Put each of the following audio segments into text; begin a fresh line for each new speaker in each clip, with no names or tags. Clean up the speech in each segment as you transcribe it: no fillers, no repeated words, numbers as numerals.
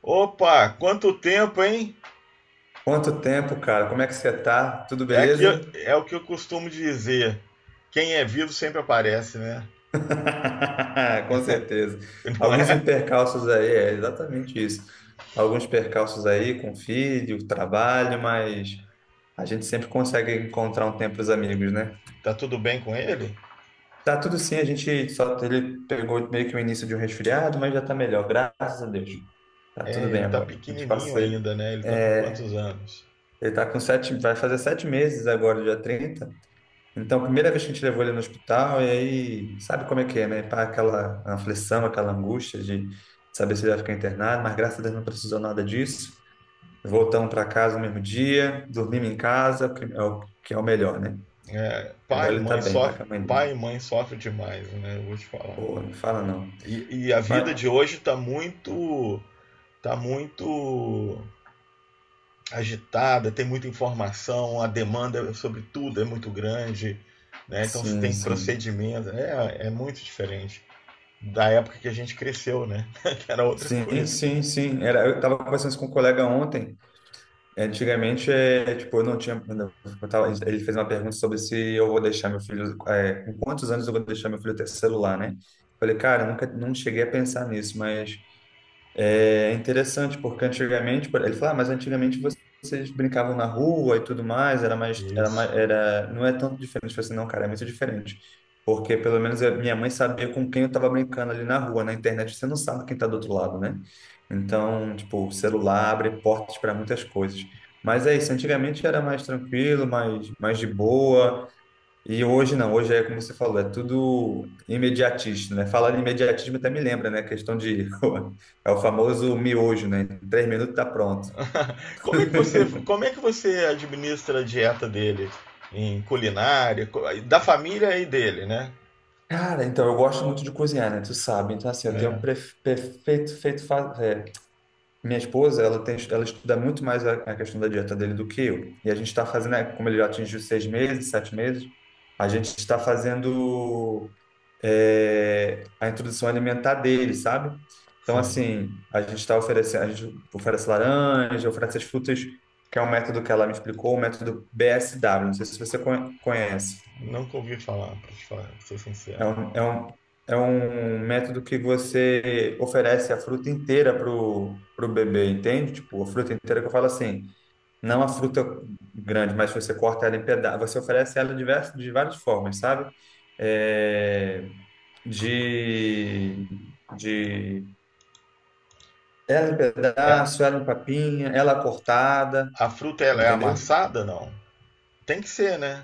Opa, quanto tempo, hein?
Quanto tempo, cara? Como é que você tá? Tudo
É, aqui,
beleza?
é o que eu costumo dizer. Quem é vivo sempre aparece, né?
Com certeza.
Não
Alguns
é?
percalços aí, é exatamente isso. Alguns percalços aí com filho, trabalho, mas a gente sempre consegue encontrar um tempo para os amigos, né?
Tá tudo bem com ele?
Tá tudo sim, a gente só ele pegou meio que o início de um resfriado, mas já tá melhor, graças a Deus. Tá tudo
É,
bem
ele tá
agora. A gente
pequenininho
passa,
ainda, né? Ele tá com
é,
quantos anos?
ele tá com 7, vai fazer 7 meses agora, dia 30. Então, a primeira vez que a gente levou ele no hospital, e aí, sabe como é que é, né? Pá, aquela aflição, aquela angústia de saber se ele vai ficar internado, mas graças a Deus não precisou nada disso. Voltamos para casa no mesmo dia, dormimos em casa, que é o melhor, né? Agora
Pai e
ele tá
mãe
bem, tá
sofrem,
com a mãe dele.
pai e mãe sofrem demais, né? Eu vou te falar.
Pô, não fala não.
E a vida
Mas,
de hoje tá muito, tá muito agitada, tem muita informação, a demanda é sobre tudo é muito grande, né? Então você
sim,
tem
sim.
procedimento, é muito diferente da época que a gente cresceu, né? Que era outra
Sim,
coisa.
sim, sim. Era, eu estava conversando isso com um colega ontem. Antigamente, é, tipo, eu não tinha. Ele fez uma pergunta sobre se eu vou deixar meu filho. É, com quantos anos eu vou deixar meu filho ter celular, né? Falei, cara, eu nunca não cheguei a pensar nisso, mas é interessante, porque antigamente, ele fala, ah, mas antigamente vocês brincavam na rua e tudo mais,
Isso.
não é tanto diferente. Eu falei assim, não, cara, é muito diferente. Porque pelo menos a minha mãe sabia com quem eu estava brincando ali na rua, na internet você não sabe quem está do outro lado, né? Então, tipo, o celular abre portas para muitas coisas. Mas é isso, antigamente era mais tranquilo, mais de boa. E hoje não, hoje é como você falou, é tudo imediatista, né? Falar de imediatismo até me lembra, né? É o famoso miojo, né? Em 3 minutos tá pronto.
Como é que você administra a dieta dele em culinária, da família e dele, né?
Cara, então, eu gosto muito de cozinhar, né? Tu sabe. Então, assim, eu tenho
É,
pref- perfeito feito... fa- é, minha esposa, ela estuda muito mais a questão da dieta dele do que eu. E a gente está fazendo, né, como ele já atingiu 6 meses, 7 meses, a gente está fazendo a introdução alimentar dele, sabe? Então,
sim.
assim, a gente está oferecendo, a gente oferece laranja, oferece as frutas, que é um método que ela me explicou, o método BSW. Não sei se você conhece.
Nunca ouvi falar, pra, te falar, pra ser
É
sincero.
um, é um, É um método que você oferece a fruta inteira pro bebê, entende? Tipo, a fruta inteira que eu falo assim, não a fruta grande, mas você corta ela em pedaços, você oferece ela diversos, de várias formas, sabe? É, de, de Era um
É,
pedaço, era um papinha, ela cortada,
a fruta ela é
entendeu?
amassada, não? Tem que ser, né?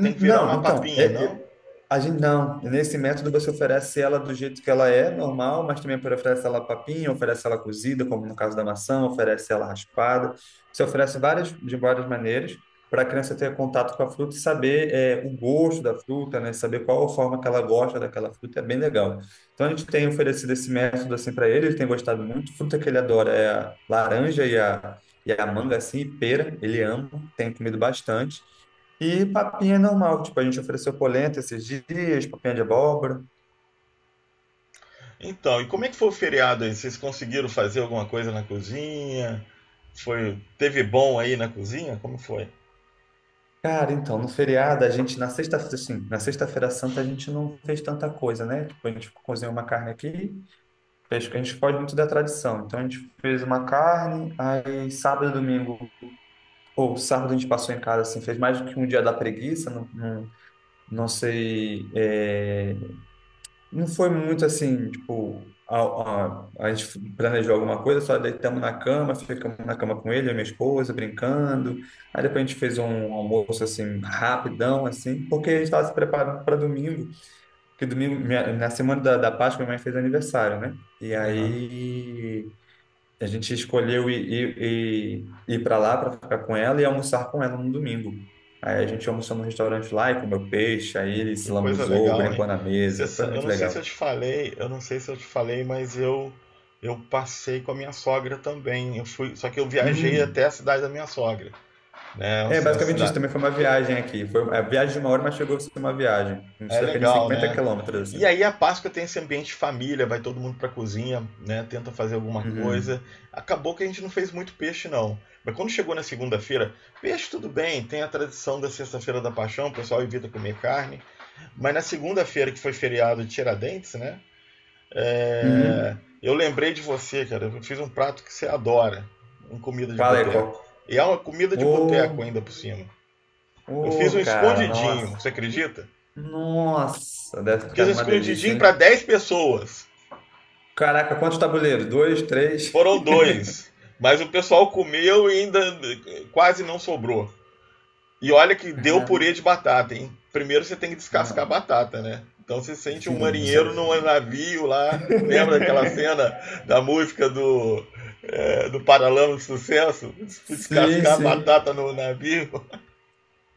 Tem que virar
Não,
uma
então,
papinha, não?
a gente não, nesse método você oferece ela do jeito que ela é, normal, mas também oferece ela papinha, oferece ela cozida, como no caso da maçã, oferece ela raspada. Você oferece várias, de várias maneiras para a criança ter contato com a fruta e saber o gosto da fruta, né? Saber qual a forma que ela gosta daquela fruta, é bem legal. Então a gente tem oferecido esse método assim para ele, ele tem gostado muito. Fruta que ele adora é a laranja e a manga, assim, e pera, ele ama, tem comido bastante. E papinha é normal, tipo, a gente ofereceu polenta esses dias, papinha de abóbora.
Então, e como é que foi o feriado aí? Vocês conseguiram fazer alguma coisa na cozinha? Foi, teve bom aí na cozinha? Como foi?
Cara, então, no feriado, a gente, na sexta, assim, na sexta-feira santa, a gente não fez tanta coisa, né? Tipo, a gente cozinhou uma carne aqui, fez, a gente foge muito da tradição. Então, a gente fez uma carne, aí sábado e domingo, ou sábado a gente passou em casa, assim, fez mais do que um dia da preguiça, não, não, não sei, não foi muito assim, tipo, a gente planejou alguma coisa, só deitamos na cama, ficamos na cama com ele, a minha esposa, brincando. Aí depois a gente fez um almoço, assim, rapidão, assim, porque a gente estava se preparando para domingo, que domingo, na semana da Páscoa, minha mãe fez aniversário, né? E
Aham.
aí a gente escolheu ir para lá para ficar com ela e almoçar com ela no domingo. Aí a gente almoçou no restaurante lá e comeu peixe, aí ele
Que
se
coisa
lambuzou,
legal,
brincou
hein?
na mesa, foi muito legal.
Eu não sei se eu te falei, mas eu passei com a minha sogra também. Eu fui, só que eu viajei até
Hum.
a cidade da minha sogra, né?
É,
A
basicamente isso.
cidade
Também foi uma viagem aqui. Foi a viagem de 1 hora, mas chegou a ser uma viagem. Uns
é
cerca de
legal,
cinquenta
né?
quilômetros,
E
assim.
aí a Páscoa tem esse ambiente de família, vai todo mundo pra cozinha, né? Tenta fazer alguma
Uhum.
coisa. Acabou que a gente não fez muito peixe não. Mas quando chegou na segunda-feira, peixe tudo bem, tem a tradição da sexta-feira da Paixão, o pessoal evita comer carne. Mas na segunda-feira que foi feriado de Tiradentes, né? É,
Uhum.
eu lembrei de você, cara. Eu fiz um prato que você adora, uma comida de
Qual é?
boteco.
Qual?
E é uma comida de boteco
Ô,
ainda por cima. Eu fiz
ô,
um
cara,
escondidinho,
nossa.
você acredita?
Nossa, deve ter
Fiz
ficado
um
uma delícia,
escondidinho para
hein?
10 pessoas.
Caraca, quantos tabuleiros? Dois, três?
Foram dois. Mas o pessoal comeu e ainda quase não sobrou. E olha que deu
Cara,
purê de batata, hein? Primeiro você tem que descascar
não.
a batata, né? Então você sente um
Sim, você.
marinheiro num navio lá. Lembra daquela cena da música do, do Paralama de Sucesso?
Sim,
Descascar a
sim.
batata no navio.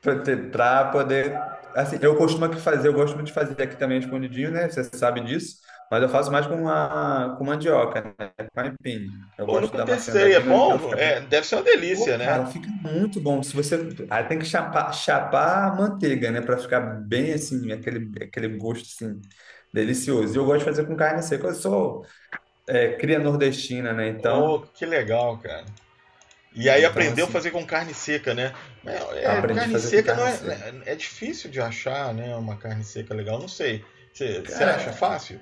Pra ter- pra poder. Assim, eu costumo aqui fazer, eu gosto muito de fazer aqui também escondidinho, né? Você sabe disso. Mas eu faço mais com, com mandioca, né? Com aipim. Eu
Eu
gosto
nunca
da maçã da
testei. É
aipim, eu ela
bom?
fica bem.
É, deve ser uma
Pô,
delícia, né?
cara, fica muito bom. Se você. Aí tem que chapar a manteiga, né? Pra ficar bem assim, aquele gosto assim, delicioso. E eu gosto de fazer com carne seca. Eu sou cria nordestina, né?
Oh,
Então,
que legal, cara. E aí
então
aprendeu a
assim,
fazer com carne seca, né? Mas é,
aprendi a
carne
fazer com
seca não
carne
é,
seca.
é difícil de achar, né? Uma carne seca legal, não sei. Você acha
Cara,
fácil?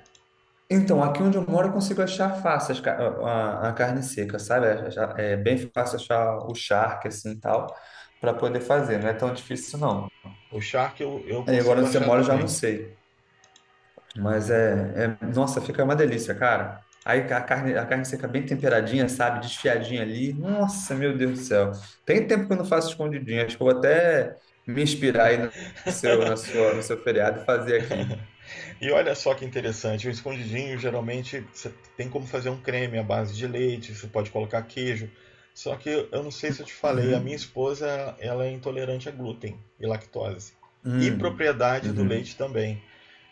então, aqui onde eu moro, eu consigo achar fácil a carne seca, sabe? É bem fácil achar o charque, assim, e tal, para poder fazer. Não é tão difícil, não.
O Shark eu
Aí agora
consigo
onde você
achar
mora, eu já não
também.
sei. Nossa, fica uma delícia, cara. Aí a carne seca bem temperadinha, sabe? Desfiadinha ali. Nossa, meu Deus do céu. Tem tempo que eu não faço escondidinha. Acho que eu vou até me inspirar aí no no seu feriado e fazer aqui.
E olha só que interessante, o escondidinho geralmente você tem como fazer um creme à base de leite, você pode colocar queijo. Só que eu não sei se eu te falei, a minha
Uhum.
esposa ela é intolerante a glúten e lactose. E
Uhum.
propriedade do
Uhum.
leite também.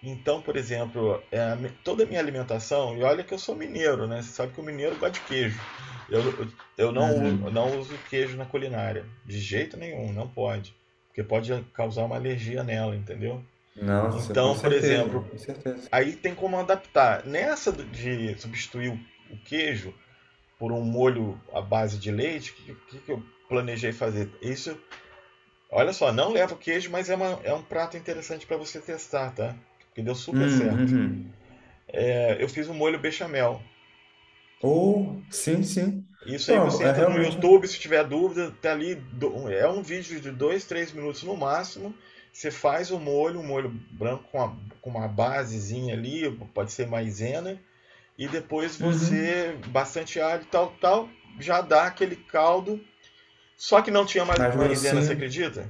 Então, por exemplo, é, a mi- toda a minha alimentação, e olha que eu sou mineiro, né? Você sabe que o mineiro gosta de queijo. Eu, eu- eu não, u-
Uhum.
não uso queijo na culinária, de jeito nenhum, não pode. Porque pode causar uma alergia nela, entendeu?
Nossa, com
Então, por
certeza,
exemplo,
com certeza.
aí tem como adaptar. Nessa de substituir o queijo por um molho à base de leite, o eu planejei fazer? Isso, olha só, não leva queijo, mas é, uma, é um prato interessante para você testar, tá? Que deu super certo.
Uhum.
É, eu fiz um molho bechamel.
Ou, sim, sim.
Isso aí
Pô,
você
é
entra no
realmente.
YouTube, se tiver dúvida, tá ali. Do, um, é um vídeo de 2, 3 minutos no máximo. Você faz o molho, um molho branco com, a, com uma basezinha ali, pode ser maisena e depois
Uhum.
você, bastante alho, tal, tal, já dá aquele caldo. Só que não tinha ma-
Mais
maisena, você
grossinho.
acredita?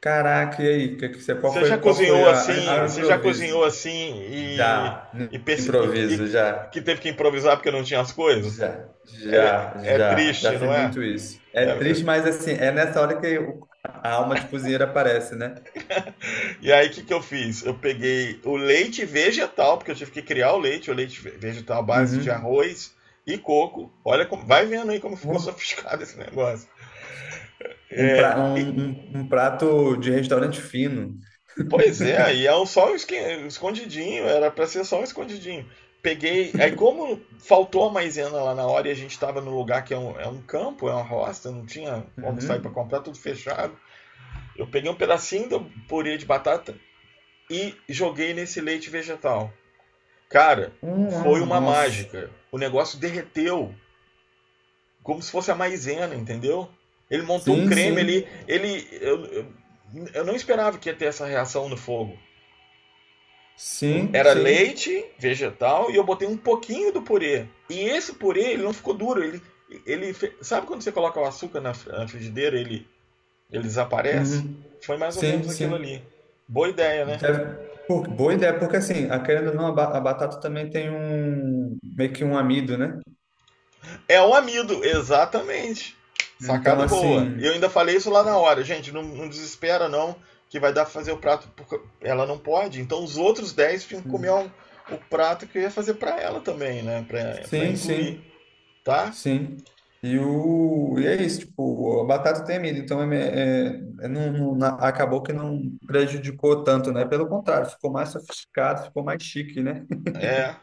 Caraca, e aí? Que você, qual foi a
Você já
improviso?
cozinhou assim
Já, no
e, perce-
improviso,
e- que teve que improvisar porque não tinha as coisas? É
já,
triste,
fiz
não é?
muito isso. É
É,
triste, mas assim, é nessa hora que a alma de cozinheiro aparece, né?
e aí o que, que eu fiz? Eu peguei o leite vegetal, porque eu tive que criar o leite ve- vegetal à base de
Uhum.
arroz e coco. Olha como, vai vendo aí como ficou sofisticado esse negócio.
Um prato de restaurante fino.
Pois é, aí é um só um esqui- escondidinho, era pra ser só um escondidinho. Peguei. Aí, como faltou a maisena lá na hora e a gente tava no lugar que é um campo, é uma roça, não tinha como sair pra
Uhum.
comprar, tudo fechado. Eu peguei um pedacinho do purê de batata e joguei nesse leite vegetal. Cara,
Ah,
foi uma
nossa.
mágica. O negócio derreteu, como se fosse a maisena, entendeu? Ele montou um
Sim,
creme,
sim,
ele. Ele eu não esperava que ia ter essa reação no fogo.
sim,
Era
sim,
leite vegetal e eu botei um pouquinho do purê. E esse purê, ele não ficou duro. Ele sabe quando você coloca o açúcar na frigideira ele, ele desaparece?
uhum.
Foi mais ou menos
Sim,
aquilo
sim.
ali. Boa ideia, né?
Pô, boa ideia, porque assim, a querendo ou não, a batata também tem um, meio que um amido, né?
É o amido, exatamente.
Então,
Sacada boa.
assim,
Eu ainda falei isso lá na hora. Gente, não, não desespera não, que vai dar pra fazer o prato. Porque ela não pode. Então os outros 10 tinham que comer
hum,
um- o prato que eu ia fazer pra ela também, né? Pra, pra
sim,
incluir,
sim,
tá?
sim. E, o, e é isso, tipo, a batata tem amido, então não, acabou que não prejudicou tanto, né? Pelo contrário, ficou mais sofisticado, ficou mais chique, né?
É.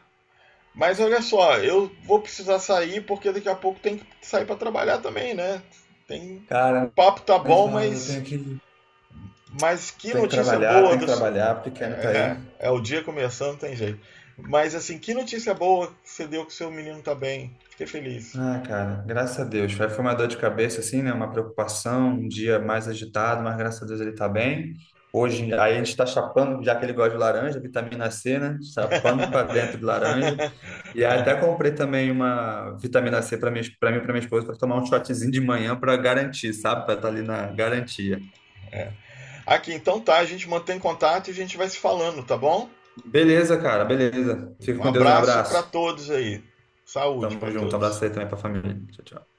Mas olha só, eu vou precisar sair porque daqui a pouco tem que sair para trabalhar também, né? Tem... O
Cara,
papo tá
nem
bom,
falo eu
mas que notícia boa
tenho
do.
que trabalhar,
É,
pequeno tá
é,
aí.
é o dia começando, tem jeito. Mas assim, que notícia boa que você deu que seu menino tá bem. Fiquei feliz.
Ah, cara, graças a Deus. Foi uma dor de cabeça, assim, né? Uma preocupação, um dia mais agitado, mas graças a Deus ele tá bem. Hoje, aí a gente tá chapando, já que ele gosta de laranja, vitamina C, né? Chapando para dentro de laranja. E aí até comprei também uma vitamina C para mim, para minha esposa, para tomar um shotzinho de manhã para garantir, sabe? Para estar ali na garantia.
Aqui, então tá, a gente mantém contato e a gente vai se falando, tá bom?
Beleza, cara, beleza. Fica
Um
com Deus, um
abraço para
abraço.
todos aí. Saúde
Tamo
para
junto, um
todos.
abraço aí também para a família. Tchau, tchau.